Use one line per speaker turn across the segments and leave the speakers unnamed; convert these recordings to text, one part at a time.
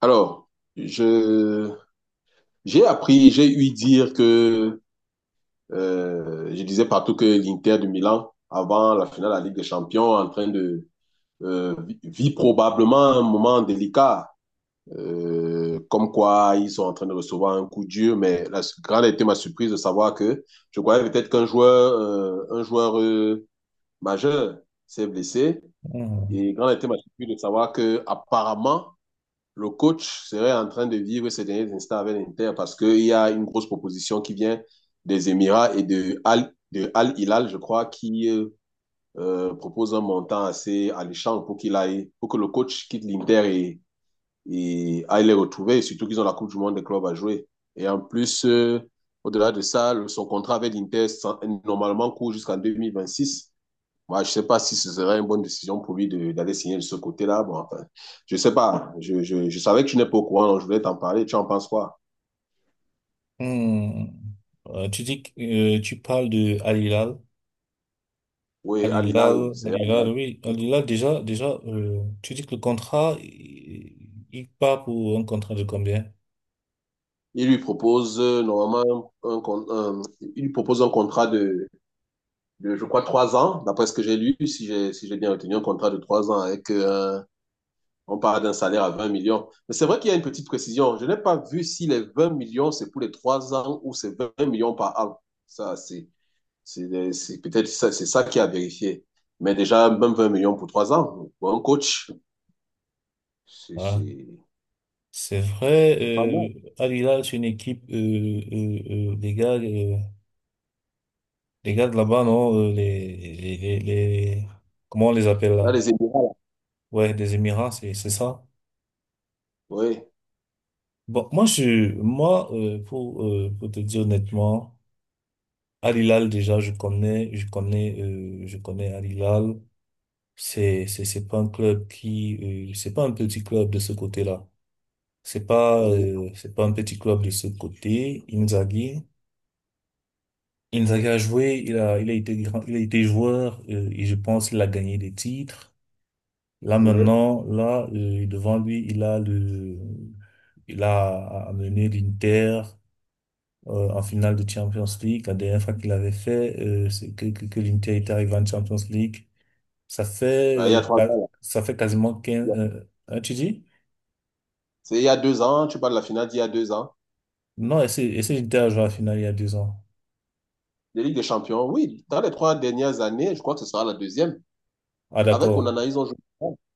Alors, je, j'ai appris, j'ai eu dire que, je disais partout que l'Inter de Milan, avant la finale de la Ligue des Champions, en train de, vit probablement un moment délicat, comme quoi ils sont en train de recevoir un coup dur, mais la grande a été ma surprise de savoir que je croyais peut-être qu'un joueur, majeur s'est blessé,
Hmm.
et grande a été ma surprise de savoir que, apparemment, le coach serait en train de vivre ces derniers instants avec l'Inter parce qu'il y a une grosse proposition qui vient des Émirats et de Al Hilal, je crois, qui propose un montant assez alléchant pour qu'il aille, pour que le coach quitte l'Inter et aille les retrouver, et surtout qu'ils ont la Coupe du Monde des clubs à jouer. Et en plus, au-delà de ça, son contrat avec l'Inter normalement court jusqu'en 2026. Moi, je ne sais pas si ce serait une bonne décision pour lui d'aller signer de ce côté-là. Bon, enfin, je ne sais pas. Je savais que tu n'es pas au courant, donc je voulais t'en parler. Tu en penses quoi?
Hmm. Tu dis que tu parles de Al Hilal.
Oui,
Al
Al Hilal,
Hilal,
c'est
Al
Al
Hilal,
Hilal.
oui. Al Hilal, déjà, déjà, tu dis que le contrat, il part pour un contrat de combien?
Il lui propose normalement un, con- un- il lui propose un contrat de, je crois, 3 ans, d'après ce que j'ai lu, si j'ai bien retenu, un contrat de 3 ans avec, on parle d'un salaire à 20 millions. Mais c'est vrai qu'il y a une petite précision. Je n'ai pas vu si les 20 millions, c'est pour les 3 ans ou c'est 20 millions par an. Ça, c'est peut-être ça, c'est ça qui a vérifié. Mais déjà, même 20 millions pour 3 ans, pour un coach, c'est
Voilà.
c'est-
C'est vrai,
c'est pas mal.
Al Hilal, c'est une équipe, les gars de là-bas, non, comment on les appelle
Là,
là?
les Émirats, là.
Ouais, des Émirats, c'est ça.
Oui,
Bon, moi, pour te dire honnêtement, Al Hilal, déjà, je connais Al Hilal. C'est pas un petit club de ce côté-là. C'est pas,
oui,
euh, c'est pas un petit club de ce côté. Inzaghi a joué, il a été grand, il a été joueur, et je pense qu'il a gagné des titres. Là,
oui.
maintenant, là, devant lui, il a amené l'Inter en finale de Champions League. La dernière fois qu'il avait fait, c'est que l'Inter était arrivé en Champions League.
Là, il y a trois ans,
Ça fait quasiment 15,
là.
hein, tu dis?
C'est il y a 2 ans, tu parles de la finale d'il y a 2 ans.
Non, essaye j'étais à jouer à la finale il y a 2 ans.
Les Ligues des Champions, oui, dans les 3 dernières années, je crois que ce sera la deuxième.
Ah,
Avec
d'accord.
Onana, ils ont joué.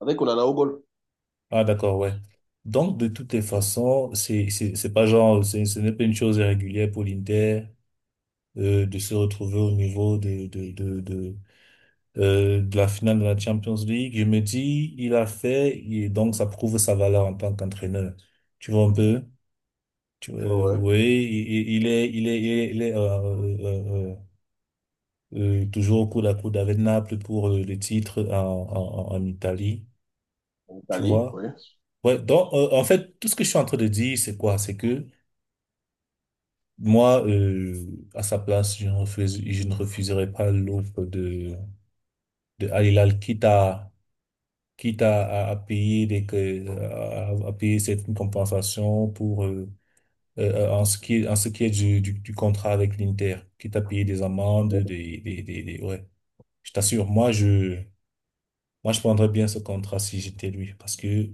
Avec Onana au goal.
Ah, d'accord, ouais. Donc, de toutes les
Mhm.
façons, c'est pas genre, c'est- ce n'est pas une chose régulière pour l'Inter, de se retrouver au niveau de la finale de la Champions League. Je me dis, il a fait, et donc ça prouve sa valeur en tant qu'entraîneur. Tu vois un peu? Tu- euh,
Ouais, ouais.
oui, il est toujours coup à coude avec Naples pour le titre en Italie,
En
tu
Italie,
vois.
oui.
Ouais, donc, en fait, tout ce que je suis en train de dire, c'est quoi? C'est que moi, à sa place, je ne refuserais pas l'offre de Al Hilal, quitte à payer des, que- à payer cette compensation pour, en ce qui est du contrat avec l'Inter, quitte à payer des amendes, ouais. Je t'assure, moi, je prendrais bien ce contrat si j'étais lui, parce que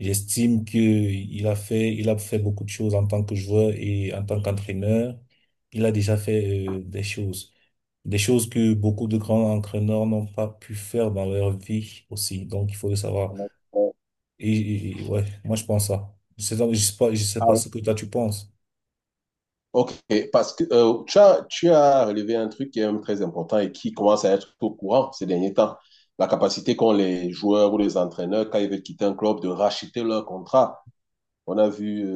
j'estime que il a fait beaucoup de choses en tant que joueur et en tant qu'entraîneur. Il a déjà fait des choses que beaucoup de grands entraîneurs n'ont pas pu faire dans leur vie aussi. Donc, il faut le savoir.
Ouais.
Et ouais, moi, je pense ça. Je sais pas ce que toi tu penses.
Ok, parce que tu as relevé un truc qui est même très important et qui commence à être au courant ces derniers temps. La capacité qu'ont les joueurs ou les entraîneurs, quand ils veulent quitter un club, de racheter leur contrat. On a vu, euh,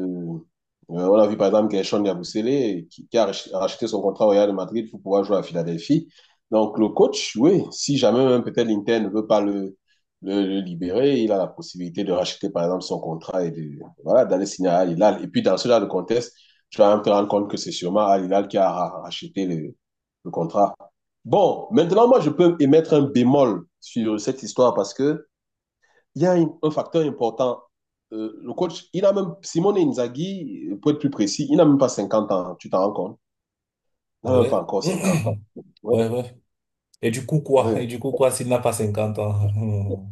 on a vu par exemple Gershon Yabusele qui a racheté son contrat au Real de Madrid pour pouvoir jouer à Philadelphie. Donc le coach, oui, si jamais même peut-être l'Inter ne veut pas le libérer, il a la possibilité de racheter par exemple son contrat et de, voilà, d'aller signer à Al Hilal. Et puis dans ce genre de contexte, tu vas même te rendre compte que c'est sûrement Al Hilal qui racheté le contrat. Bon, maintenant moi je peux émettre un bémol sur cette histoire parce que il y a un facteur important. Le coach, il a même, Simone Inzaghi, pour être plus précis, il n'a même pas 50 ans, tu t'en rends compte? Il n'a même pas
Ouais,
encore 50 ans. Ouais,
ouais, ouais. Et du coup quoi?
ouais.
Et du coup quoi s'il n'a pas 50 ans?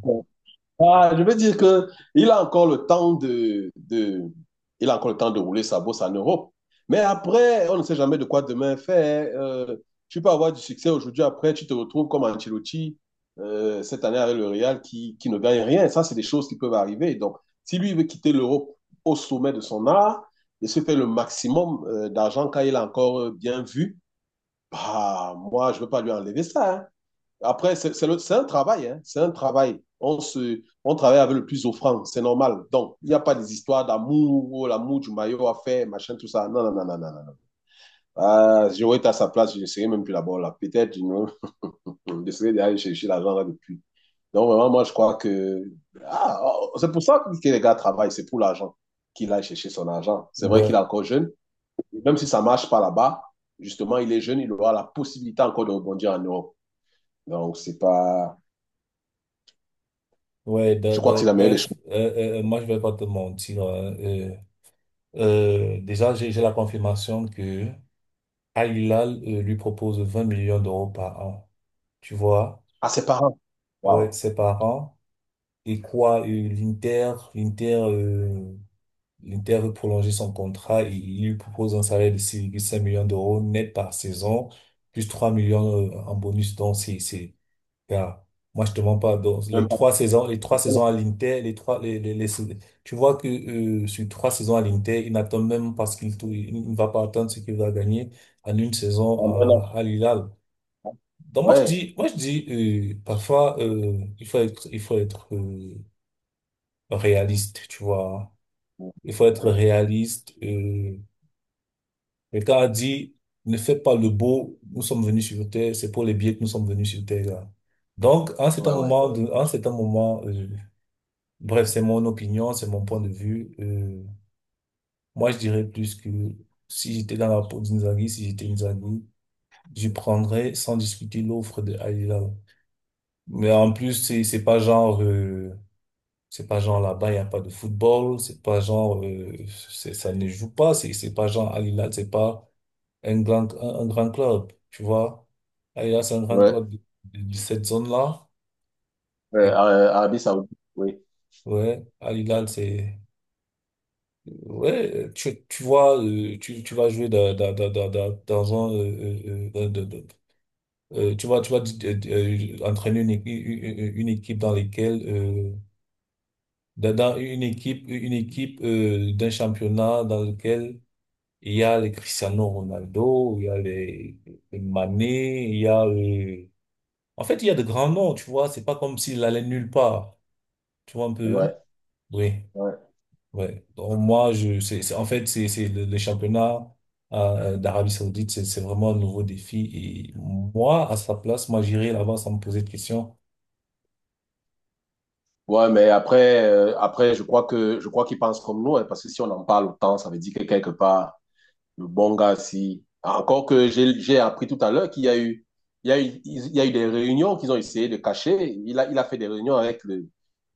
Ah, je veux dire que il a encore le temps de rouler sa bosse en Europe. Mais après, on ne sait jamais de quoi demain fait. Tu peux avoir du succès aujourd'hui, après, tu te retrouves comme Ancelotti cette année avec le Real qui ne gagne rien. Ça, c'est des choses qui peuvent arriver. Donc, si lui veut quitter l'Europe au sommet de son art et se faire le maximum d'argent quand il a encore bien vu, bah, moi, je ne veux pas lui enlever ça. Hein. Après, c'est un travail, hein, c'est un travail. On travaille avec le plus offrant, c'est normal. Donc, il n'y a pas des histoires d'amour, oh, l'amour du maillot à faire, machin, tout ça. Non, non, non, non, non, non. Non. Ah, j'aurais été à sa place, je ne serais même plus là-bas, là. Peut-être, je je serais d'aller chercher l'argent là depuis. Donc, vraiment, moi, je crois que. Ah, oh, c'est pour ça que les gars travaillent, c'est pour l'argent qu'il aille chercher son argent. C'est vrai qu'il
Ouais.
est encore jeune. Même si ça ne marche pas là-bas, justement, il est jeune, il aura la possibilité encore de rebondir en Europe. Donc, c'est pas.
Ouais,
Je crois que c'est la meilleure des choses.
bref, moi je vais pas te mentir, hein. Déjà, j'ai la confirmation que Al Hilal lui propose 20 millions d'euros par an. Tu vois?
Ah, ses parents.
Ouais,
Waouh.
ses parents. Et quoi, l'Inter veut prolonger son contrat, et il lui propose un salaire de 6,5 millions d'euros net par saison, plus 3 millions en bonus. Donc, car moi, je te mens pas. Donc,
Même pas.
les trois
Un
saisons à l'Inter, les trois, les- tu vois que sur 3 saisons à l'Inter, il n'attend même pas ce il ne va pas attendre ce qu'il va gagner en une saison
bon
à,
enfant.
à l'Hilal. Donc moi, je
Ouais.
dis, parfois, il faut être réaliste, tu vois. Il faut être
Ouais.
réaliste. Quelqu'un a dit, ne fais pas le beau. Nous sommes venus sur Terre. C'est pour les billets que nous sommes venus sur Terre, là. Donc,
Ouais, ouais.
en cet moment, bref, c'est mon opinion, c'est mon point de vue. Moi, je dirais plus que si j'étais dans la peau d'Inzaghi, si j'étais Inzaghi, je prendrais sans discuter l'offre de Al Hilal. Mais en plus, c'est pas genre, c'est pas genre là-bas il y a pas de football, c'est pas genre, ça ne joue pas, c'est pas genre Al Hilal, c'est pas un grand club, tu vois. Al Hilal c'est un grand
Ouais.
club de cette zone-là.
Ouais,
Et
Arabie Saoudite, oui.
ouais, Al Hilal c'est... Ouais, tu vois, tu vas jouer dans un, tu vas entraîner une équipe dans laquelle, dans une équipe d'un championnat dans lequel il y a les Cristiano Ronaldo, il y a les Mané, il y a, en fait, il y a de grands noms, tu vois, c'est pas comme s'il allait nulle part, tu vois un peu,
Ouais,
oui.
ouais.
Ouais. Donc, moi, je, c'est- en fait, c'est le championnat d'Arabie Saoudite, c'est vraiment un nouveau défi. Et moi, à sa place, moi, j'irais là-bas sans me poser de questions.
Ouais, mais après, je crois qu'ils pensent comme nous, hein, parce que si on en parle autant, ça veut dire que quelque part, le bon gars, si. Encore que j'ai appris tout à l'heure qu'il y a eu, des réunions qu'ils ont essayé de cacher. Il a fait des réunions avec le,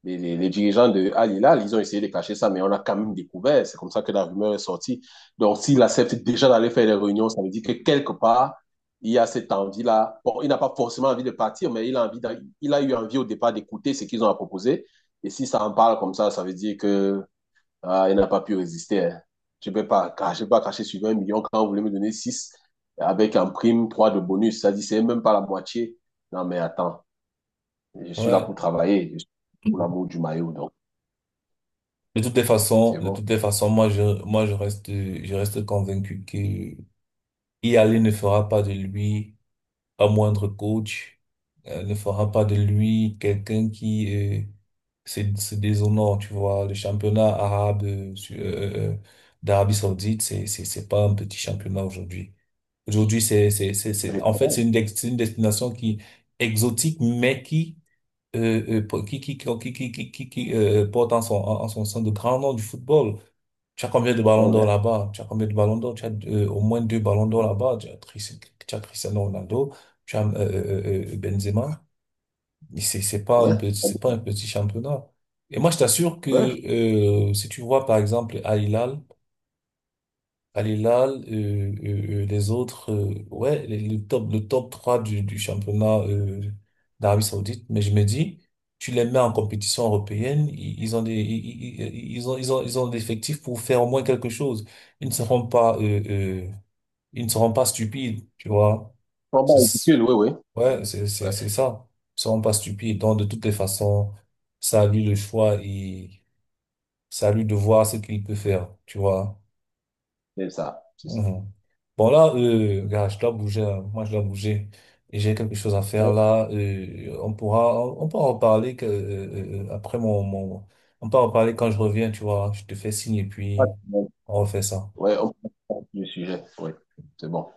les, les- les dirigeants de Al Hilal. Ils ont essayé de cacher ça, mais on a quand même découvert. C'est comme ça que la rumeur est sortie. Donc, s'il accepte déjà d'aller faire des réunions, ça veut dire que quelque part, il y a cette envie-là. Bon, il n'a pas forcément envie de partir, mais il a envie il a eu envie au départ d'écouter ce qu'ils ont à proposer. Et si ça en parle comme ça veut dire que ah, il n'a pas pu résister. Hein. Je ne peux pas, je peux pas cracher sur 20 millions quand vous voulez me donner 6 avec en prime 3 de bonus. Ça dit, c'est même pas la moitié. Non, mais attends, je suis là pour
Ouais.
travailler. Je suis pour l'amour du maillot, donc c'est
De
bon.
toutes les façons, je reste convaincu que y aller ne fera pas de lui un moindre coach, ne fera pas de lui quelqu'un qui, se déshonore, tu vois. Le championnat arabe, d'Arabie Saoudite, c'est pas un petit championnat aujourd'hui. Aujourd'hui,
Ouais,
en fait, c'est c'est une destination qui exotique, mais qui, porte en son sein de grands noms du football. Tu as combien de ballons d'or
ouais,
là-bas? Tu as combien de ballons d'or? Tu as au moins deux ballons d'or là-bas. Tu as Cristiano Ronaldo, tu as Benzema. Mais c'est pas un
ouais.
petit, c'est pas un petit championnat. Et moi, je t'assure que,
Ouais,
si tu vois par exemple Al Hilal, les autres, ouais, le top 3 du championnat d'Arabie Saoudite. Mais je me dis, tu les mets en compétition européenne, ils ont des effectifs pour faire au moins quelque chose. Ils ne seront pas, euh, euh, Ils ne seront pas stupides, tu vois.
combat
C'est, c'est-
ridicule, oui, oui.
ouais,
Ouais,
c'est ça. Ils ne seront pas stupides. Donc, de toutes les façons, c'est à lui le choix et c'est à lui de voir ce qu'il peut faire, tu vois.
c'est ça, c'est ça.
Mhm. Bon là, regarde, je dois bouger, hein. Moi, je dois bouger. Et j'ai quelque chose à faire là. On pourra en parler, que, après on pourra en parler quand je reviens, tu vois. Je te fais signe et puis on refait ça.
Ouais, on peut pas sur le sujet, oui, c'est bon.